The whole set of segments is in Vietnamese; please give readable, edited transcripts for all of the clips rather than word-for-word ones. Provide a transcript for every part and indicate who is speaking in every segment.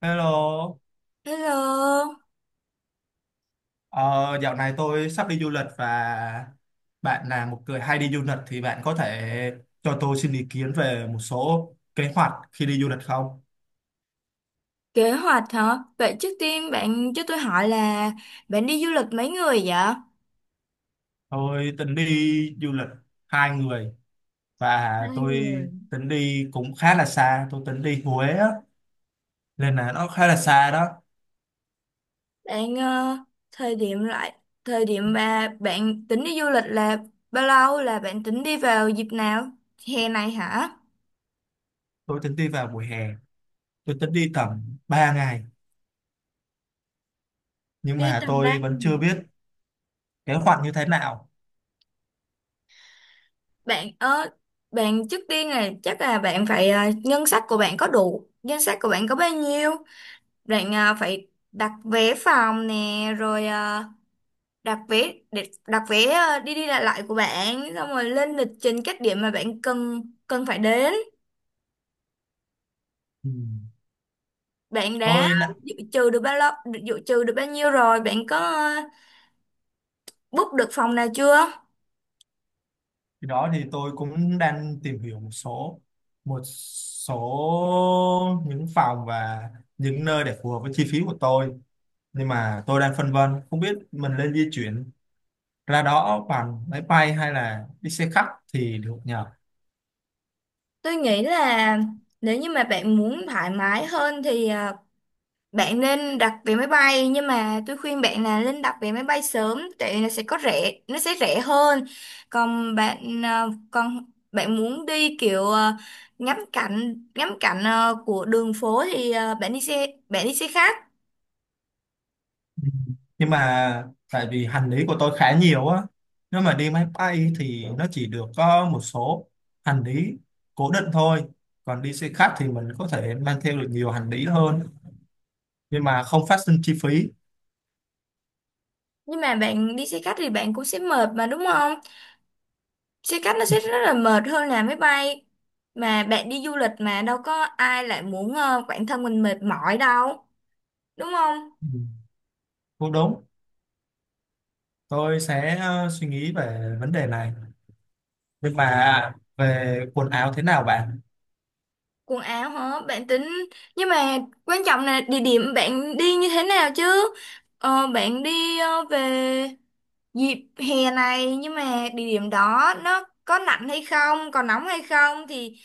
Speaker 1: Hello,
Speaker 2: Hello,
Speaker 1: ờ, dạo này tôi sắp đi du lịch và bạn là một người hay đi du lịch thì bạn có thể cho tôi xin ý kiến về một số kế hoạch khi đi du lịch không?
Speaker 2: kế hoạch hả? Vậy trước tiên bạn cho tôi hỏi là bạn đi du lịch mấy người vậy?
Speaker 1: Tôi tính đi du lịch 2 người và
Speaker 2: hai
Speaker 1: tôi
Speaker 2: người
Speaker 1: tính đi cũng khá là xa, tôi tính đi Huế á, nên là nó khá là xa đó.
Speaker 2: Bạn thời điểm lại thời điểm mà bạn tính đi du lịch là bao lâu, là bạn tính đi vào dịp nào? Hè này hả?
Speaker 1: Tôi tính đi vào mùa hè, tôi tính đi tầm 3 ngày nhưng
Speaker 2: Đi
Speaker 1: mà
Speaker 2: tầm ba
Speaker 1: tôi vẫn
Speaker 2: ngày
Speaker 1: chưa biết kế hoạch như thế nào.
Speaker 2: Bạn bạn trước tiên là chắc là bạn phải ngân sách của bạn có đủ, ngân sách của bạn có bao nhiêu? Bạn phải đặt vé phòng nè, rồi đặt vé đi đi lại lại của bạn, xong rồi lên lịch trình các điểm mà bạn cần cần phải đến.
Speaker 1: Ừ.
Speaker 2: Bạn đã
Speaker 1: Tôi nã-
Speaker 2: dự trù được bao lâu, dự trù được bao nhiêu, rồi bạn có book được phòng nào chưa?
Speaker 1: Thì đó thì tôi cũng đang tìm hiểu một số những phòng và những nơi để phù hợp với chi phí của tôi nhưng mà tôi đang phân vân không biết mình nên di chuyển ra đó bằng máy bay hay là đi xe khách thì được nhờ.
Speaker 2: Tôi nghĩ là nếu như mà bạn muốn thoải mái hơn thì bạn nên đặt vé máy bay, nhưng mà tôi khuyên bạn là nên đặt vé máy bay sớm, tại vì nó sẽ có rẻ, nó sẽ rẻ hơn. Còn bạn còn bạn muốn đi kiểu ngắm cảnh của đường phố thì bạn đi xe khách.
Speaker 1: Ừ. Nhưng mà tại vì hành lý của tôi khá nhiều á, nếu mà đi máy bay thì nó chỉ được có một số hành lý cố định thôi, còn đi xe khách thì mình có thể mang theo được nhiều hành lý hơn nhưng mà không phát sinh chi phí.
Speaker 2: Nhưng mà bạn đi xe khách thì bạn cũng sẽ mệt mà, đúng không? Xe khách nó sẽ rất là mệt hơn là máy bay. Mà bạn đi du lịch mà đâu có ai lại muốn bản thân mình mệt mỏi đâu, đúng không?
Speaker 1: Ừ, cũng đúng, tôi sẽ suy nghĩ về vấn đề này. Nhưng mà về quần áo thế nào bạn?
Speaker 2: Quần áo hả? Bạn tính nhưng mà quan trọng là địa điểm bạn đi như thế nào chứ? Bạn đi về dịp hè này, nhưng mà địa điểm đó nó có lạnh hay không, có nóng hay không, thì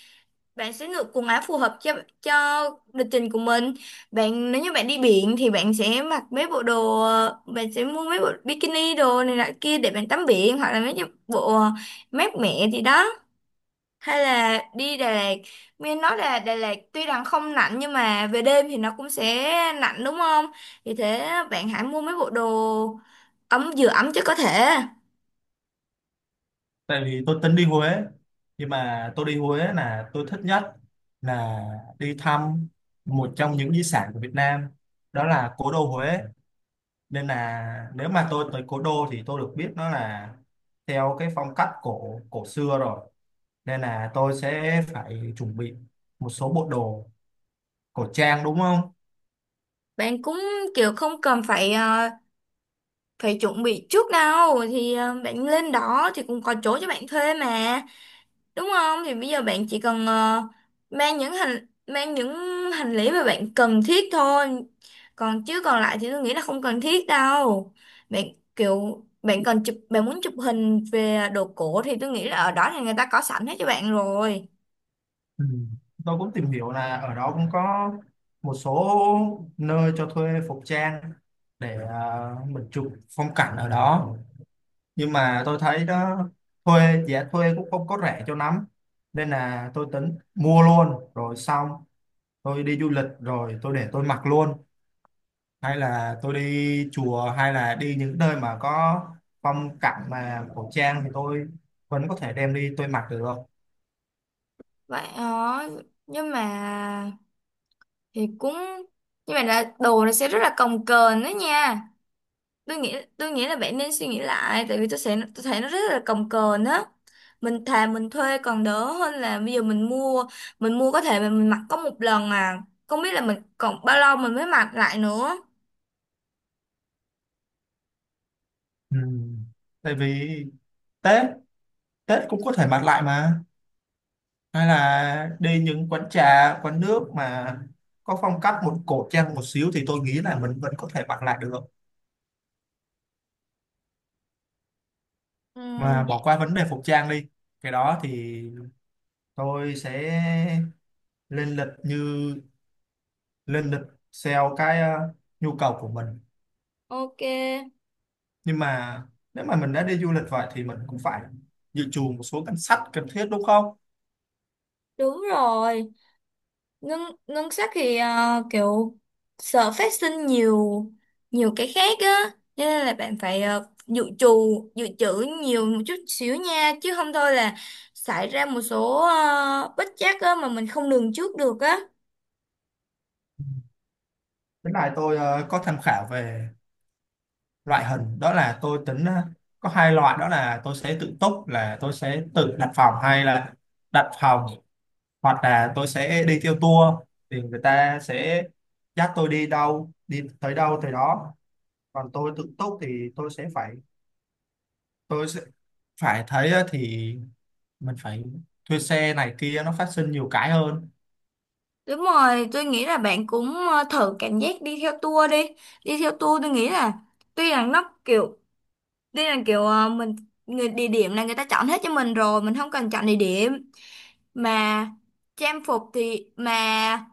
Speaker 2: bạn sẽ lựa quần áo phù hợp cho cho lịch trình của mình. Bạn nếu như bạn đi biển thì bạn sẽ mặc mấy bộ đồ, bạn sẽ mua mấy bộ bikini đồ này nọ kia để bạn tắm biển, hoặc là mấy cái bộ mát mẻ gì đó, hay là đi Đà Lạt. Nghe nói là Đà Lạt tuy rằng không lạnh nhưng mà về đêm thì nó cũng sẽ lạnh, đúng không? Vì thế bạn hãy mua mấy bộ đồ ấm vừa ấm chứ có thể
Speaker 1: Tại vì tôi tính đi Huế, nhưng mà tôi đi Huế là tôi thích nhất là đi thăm một trong những di sản của Việt Nam, đó là cố đô Huế. Nên là nếu mà tôi tới cố đô thì tôi được biết nó là theo cái phong cách cổ cổ xưa rồi. Nên là tôi sẽ phải chuẩn bị một số bộ đồ cổ trang đúng không?
Speaker 2: bạn cũng kiểu không cần phải phải chuẩn bị trước đâu, thì bạn lên đó thì cũng có chỗ cho bạn thuê mà, đúng không? Thì bây giờ bạn chỉ cần mang những hành lý mà bạn cần thiết thôi, còn chứ còn lại thì tôi nghĩ là không cần thiết đâu. Bạn kiểu bạn muốn chụp hình về đồ cổ thì tôi nghĩ là ở đó thì người ta có sẵn hết cho bạn rồi.
Speaker 1: Ừ. Tôi cũng tìm hiểu là ở đó cũng có một số nơi cho thuê phục trang để mình chụp phong cảnh ở đó, nhưng mà tôi thấy đó thuê giá thuê cũng không có rẻ cho lắm, nên là tôi tính mua luôn rồi xong tôi đi du lịch rồi tôi để tôi mặc luôn, hay là tôi đi chùa hay là đi những nơi mà có phong cảnh mà cổ trang thì tôi vẫn có thể đem đi tôi mặc được.
Speaker 2: Vậy đó, nhưng mà thì cũng nhưng mà là đồ nó sẽ rất là cồng kềnh đó nha. Tôi nghĩ là bạn nên suy nghĩ lại, tại vì tôi sẽ tôi thấy nó rất là cồng kềnh á. Mình thà mình thuê còn đỡ hơn là bây giờ mình mua, có thể mà mình mặc có 1 lần à, không biết là mình còn bao lâu mình mới mặc lại nữa.
Speaker 1: Ừ. Tại vì Tết Tết cũng có thể mặc lại mà, hay là đi những quán trà quán nước mà có phong cách một cổ trang một xíu thì tôi nghĩ là mình vẫn có thể mặc lại được,
Speaker 2: Ừ,
Speaker 1: mà bỏ
Speaker 2: vậy-
Speaker 1: qua vấn đề phục trang đi. Cái đó thì tôi sẽ lên lịch như lên lịch theo cái nhu cầu của mình.
Speaker 2: ok.
Speaker 1: Nhưng mà nếu mà mình đã đi du lịch vậy thì mình cũng phải dự trù một số ngân sách cần thiết đúng không?
Speaker 2: Đúng rồi, ngân ngân sách thì kiểu sợ phát sinh nhiều nhiều cái khác á, cho nên là bạn phải dự trù dự trữ nhiều một chút xíu nha, chứ không thôi là xảy ra một số bất trắc á mà mình không lường trước được á.
Speaker 1: Cái này tôi có tham khảo về loại hình đó, là tôi tính có hai loại, đó là tôi sẽ tự túc là tôi sẽ tự đặt phòng hay là đặt phòng, hoặc là tôi sẽ đi theo tour thì người ta sẽ dắt tôi đi đâu đi tới đâu tới đó. Còn tôi tự túc thì tôi sẽ phải thấy á, thì mình phải thuê xe này kia, nó phát sinh nhiều cái hơn.
Speaker 2: Đúng rồi, tôi nghĩ là bạn cũng thử cảm giác đi theo tour đi. Đi theo tour Tôi nghĩ là tuy là nó kiểu tuy là kiểu mình người địa điểm là người ta chọn hết cho mình rồi, mình không cần chọn địa điểm mà trang phục thì mà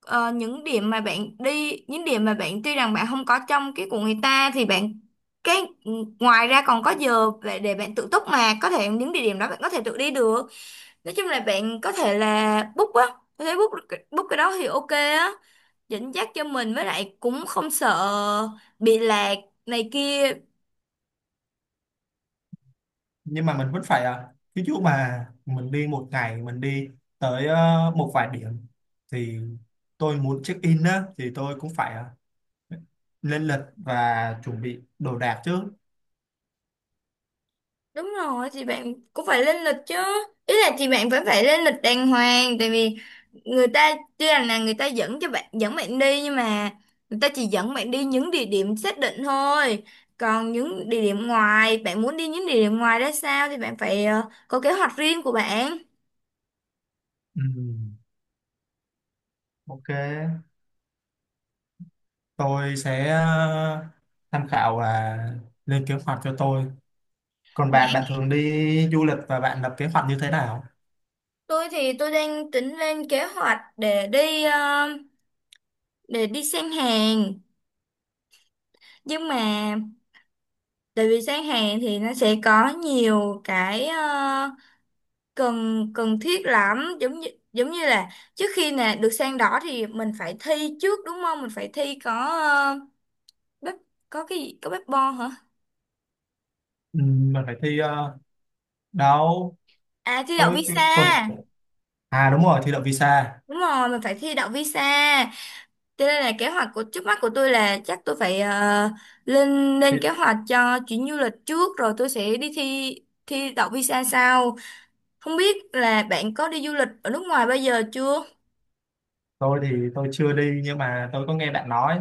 Speaker 2: những điểm mà bạn đi, những điểm mà bạn tuy rằng bạn không có trong cái của người ta thì bạn cái ngoài ra còn có giờ để bạn tự túc mà có thể những địa điểm đó bạn có thể tự đi được. Nói chung là bạn có thể là book á, có thể book book cái đó thì ok á, dẫn dắt cho mình với lại cũng không sợ bị lạc này kia.
Speaker 1: Nhưng mà mình vẫn phải ví dụ mà mình đi một ngày mình đi tới một vài điểm thì tôi muốn check in á thì tôi cũng phải lên lịch và chuẩn bị đồ đạc trước.
Speaker 2: Đúng rồi thì bạn cũng phải lên lịch chứ, ý là thì bạn vẫn phải lên lịch đàng hoàng, tại vì người ta tuy rằng là người ta dẫn bạn đi nhưng mà người ta chỉ dẫn bạn đi những địa điểm xác định thôi, còn những địa điểm ngoài bạn muốn đi những địa điểm ngoài ra sao thì bạn phải có kế hoạch riêng của bạn.
Speaker 1: Ừ. OK. Tôi sẽ tham khảo và lên kế hoạch cho tôi. Còn bạn bạn thường đi du lịch và bạn lập kế hoạch như thế nào?
Speaker 2: Tôi thì tôi đang tính lên kế hoạch để đi để đi sang Hàn, nhưng mà tại vì sang Hàn thì nó sẽ có nhiều cái cần cần thiết lắm, giống như là trước khi nè được sang đỏ thì mình phải thi trước, đúng không? Mình phải thi có ờ, bếp, có cái gì có bếp bo hả?
Speaker 1: Ừ. Mình phải thi đâu.
Speaker 2: À, thi đậu visa.
Speaker 1: Còn à, đúng rồi, thi đậu visa.
Speaker 2: Đúng rồi, mình phải thi đậu visa, cho nên là kế hoạch của trước mắt của tôi là chắc tôi phải lên
Speaker 1: Thì
Speaker 2: lên kế hoạch cho chuyến du lịch trước, rồi tôi sẽ đi thi thi đậu visa sau. Không biết là bạn có đi du lịch ở nước ngoài bao giờ chưa?
Speaker 1: tôi thì tôi chưa đi nhưng mà tôi có nghe bạn nói,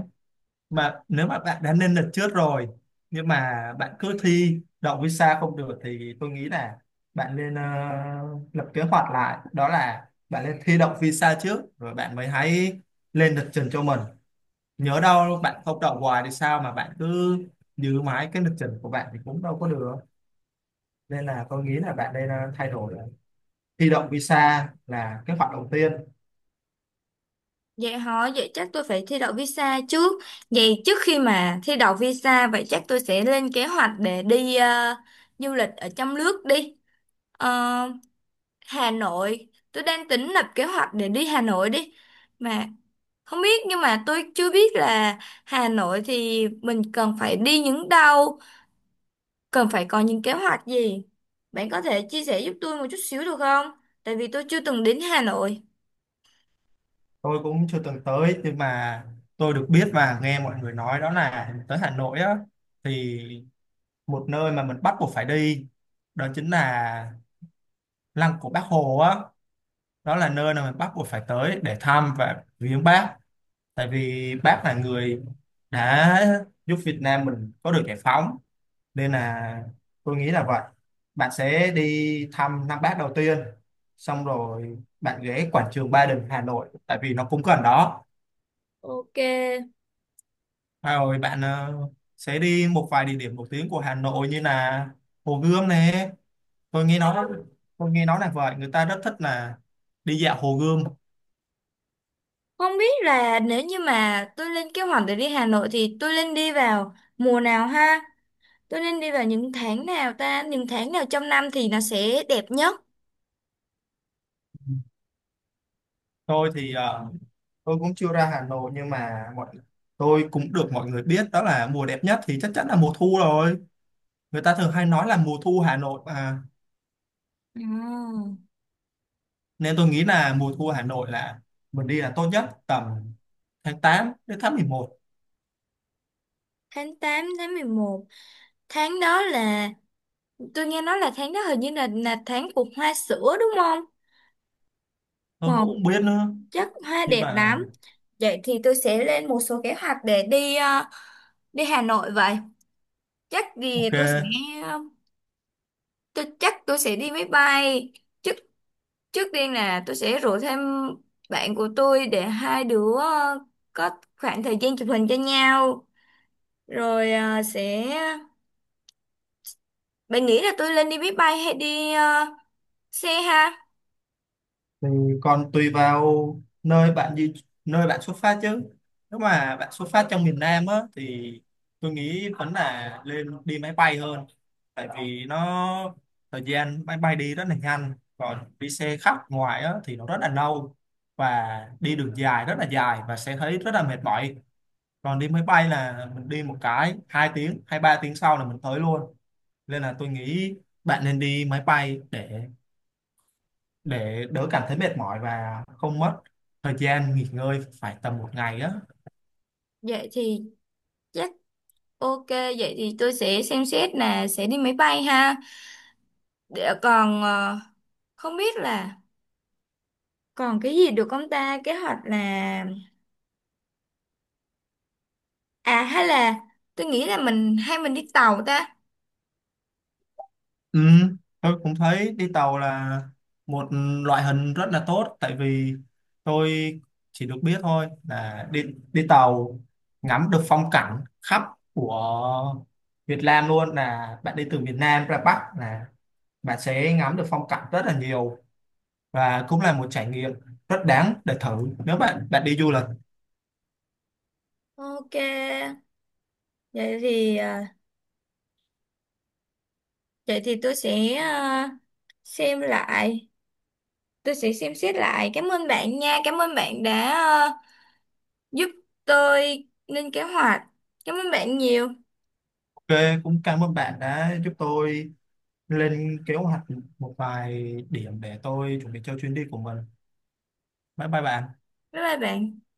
Speaker 1: mà nếu mà bạn đã lên lịch trước rồi nhưng mà bạn cứ thi đậu visa không được thì tôi nghĩ là bạn nên lập kế hoạch lại, đó là bạn nên thi đậu visa trước rồi bạn mới hãy lên lịch trình cho mình. Nhớ đâu bạn không đậu hoài thì sao mà bạn cứ giữ mãi cái lịch trình của bạn thì cũng đâu có được. Nên là tôi nghĩ là bạn nên thay đổi, thi đậu visa là kế hoạch đầu tiên.
Speaker 2: Vậy hả? Vậy chắc tôi phải thi đậu visa trước. Vậy trước khi mà thi đậu visa, vậy chắc tôi sẽ lên kế hoạch để đi du lịch ở trong nước đi. Ờ, Hà Nội, tôi đang tính lập kế hoạch để đi Hà Nội đi. Mà không biết, nhưng mà tôi chưa biết là Hà Nội thì mình cần phải đi những đâu, cần phải có những kế hoạch gì. Bạn có thể chia sẻ giúp tôi một chút xíu được không? Tại vì tôi chưa từng đến Hà Nội.
Speaker 1: Tôi cũng chưa từng tới nhưng mà tôi được biết và nghe mọi người nói, đó là tới Hà Nội á thì một nơi mà mình bắt buộc phải đi, đó chính là Lăng của Bác Hồ á, đó là nơi mà mình bắt buộc phải tới để thăm và viếng bác, tại vì bác là người đã giúp Việt Nam mình có được giải phóng. Nên là tôi nghĩ là vậy, bạn sẽ đi thăm Lăng Bác đầu tiên, xong rồi bạn ghé quảng trường Ba Đình Hà Nội tại vì nó cũng gần đó.
Speaker 2: Ok.
Speaker 1: À, rồi bạn sẽ đi một vài địa điểm nổi tiếng của Hà Nội như là Hồ Gươm này, tôi nghe nói tôi nghe nói là vậy, người ta rất thích là đi dạo Hồ Gươm.
Speaker 2: Không biết là nếu như mà tôi lên kế hoạch để đi Hà Nội thì tôi nên đi vào mùa nào ha? Tôi nên đi vào những tháng nào ta? Những tháng nào trong năm thì nó sẽ đẹp nhất?
Speaker 1: Tôi thì tôi cũng chưa ra Hà Nội nhưng mà tôi cũng được mọi người biết đó là mùa đẹp nhất thì chắc chắn là mùa thu rồi, người ta thường hay nói là mùa thu Hà Nội mà.
Speaker 2: Ừ.
Speaker 1: Nên tôi nghĩ là mùa thu Hà Nội là mình đi là tốt nhất, tầm tháng 8 đến tháng 11.
Speaker 2: Tháng 8, tháng 11, tháng đó là tôi nghe nói là tháng đó hình như là tháng của hoa sữa đúng không?
Speaker 1: Tôi
Speaker 2: Màu
Speaker 1: cũng không biết nữa
Speaker 2: chắc hoa
Speaker 1: nhưng
Speaker 2: đẹp
Speaker 1: mà.
Speaker 2: lắm. Vậy thì tôi sẽ lên một số kế hoạch để đi đi Hà Nội vậy. Chắc thì tôi sẽ
Speaker 1: OK.
Speaker 2: ờ, tôi chắc tôi sẽ đi máy bay. Trước tiên là tôi sẽ rủ thêm bạn của tôi để 2 đứa có khoảng thời gian chụp hình cho nhau. Rồi sẽ. Bạn nghĩ là tôi lên đi máy bay hay đi xe ha?
Speaker 1: Thì còn tùy vào nơi bạn đi, nơi bạn xuất phát chứ, nếu mà bạn xuất phát trong miền Nam á thì tôi nghĩ vẫn là lên đi máy bay hơn, tại vì nó, thời gian máy bay đi rất là nhanh, còn đi xe khách ngoài á thì nó rất là lâu và đi đường dài rất là dài và sẽ thấy rất là mệt mỏi. Còn đi máy bay là mình đi một cái 2 tiếng hay 3 tiếng sau là mình tới luôn, nên là tôi nghĩ bạn nên đi máy bay để đỡ cảm thấy mệt mỏi và không mất thời gian nghỉ ngơi phải tầm một ngày á.
Speaker 2: Vậy thì chắc ok. Vậy thì tôi sẽ xem xét là sẽ đi máy bay ha. Để còn không biết là còn cái gì được không ta? Kế hoạch là... À hay là tôi nghĩ là mình hay mình đi tàu ta.
Speaker 1: Ừ, tôi cũng thấy đi tàu là một loại hình rất là tốt, tại vì tôi chỉ được biết thôi là đi đi tàu ngắm được phong cảnh khắp của Việt Nam luôn, là bạn đi từ miền Nam ra Bắc là bạn sẽ ngắm được phong cảnh rất là nhiều và cũng là một trải nghiệm rất đáng để thử nếu bạn bạn đi du lịch.
Speaker 2: Ok. Vậy thì... vậy thì tôi sẽ xem lại, tôi sẽ xem xét lại. Cảm ơn bạn nha, cảm ơn bạn đã giúp tôi lên kế hoạch. Cảm ơn bạn nhiều.
Speaker 1: OK, cũng cảm ơn bạn đã giúp tôi lên kế hoạch một vài điểm để tôi chuẩn bị cho chuyến đi của mình. Bye bye bạn.
Speaker 2: Bye bye bạn.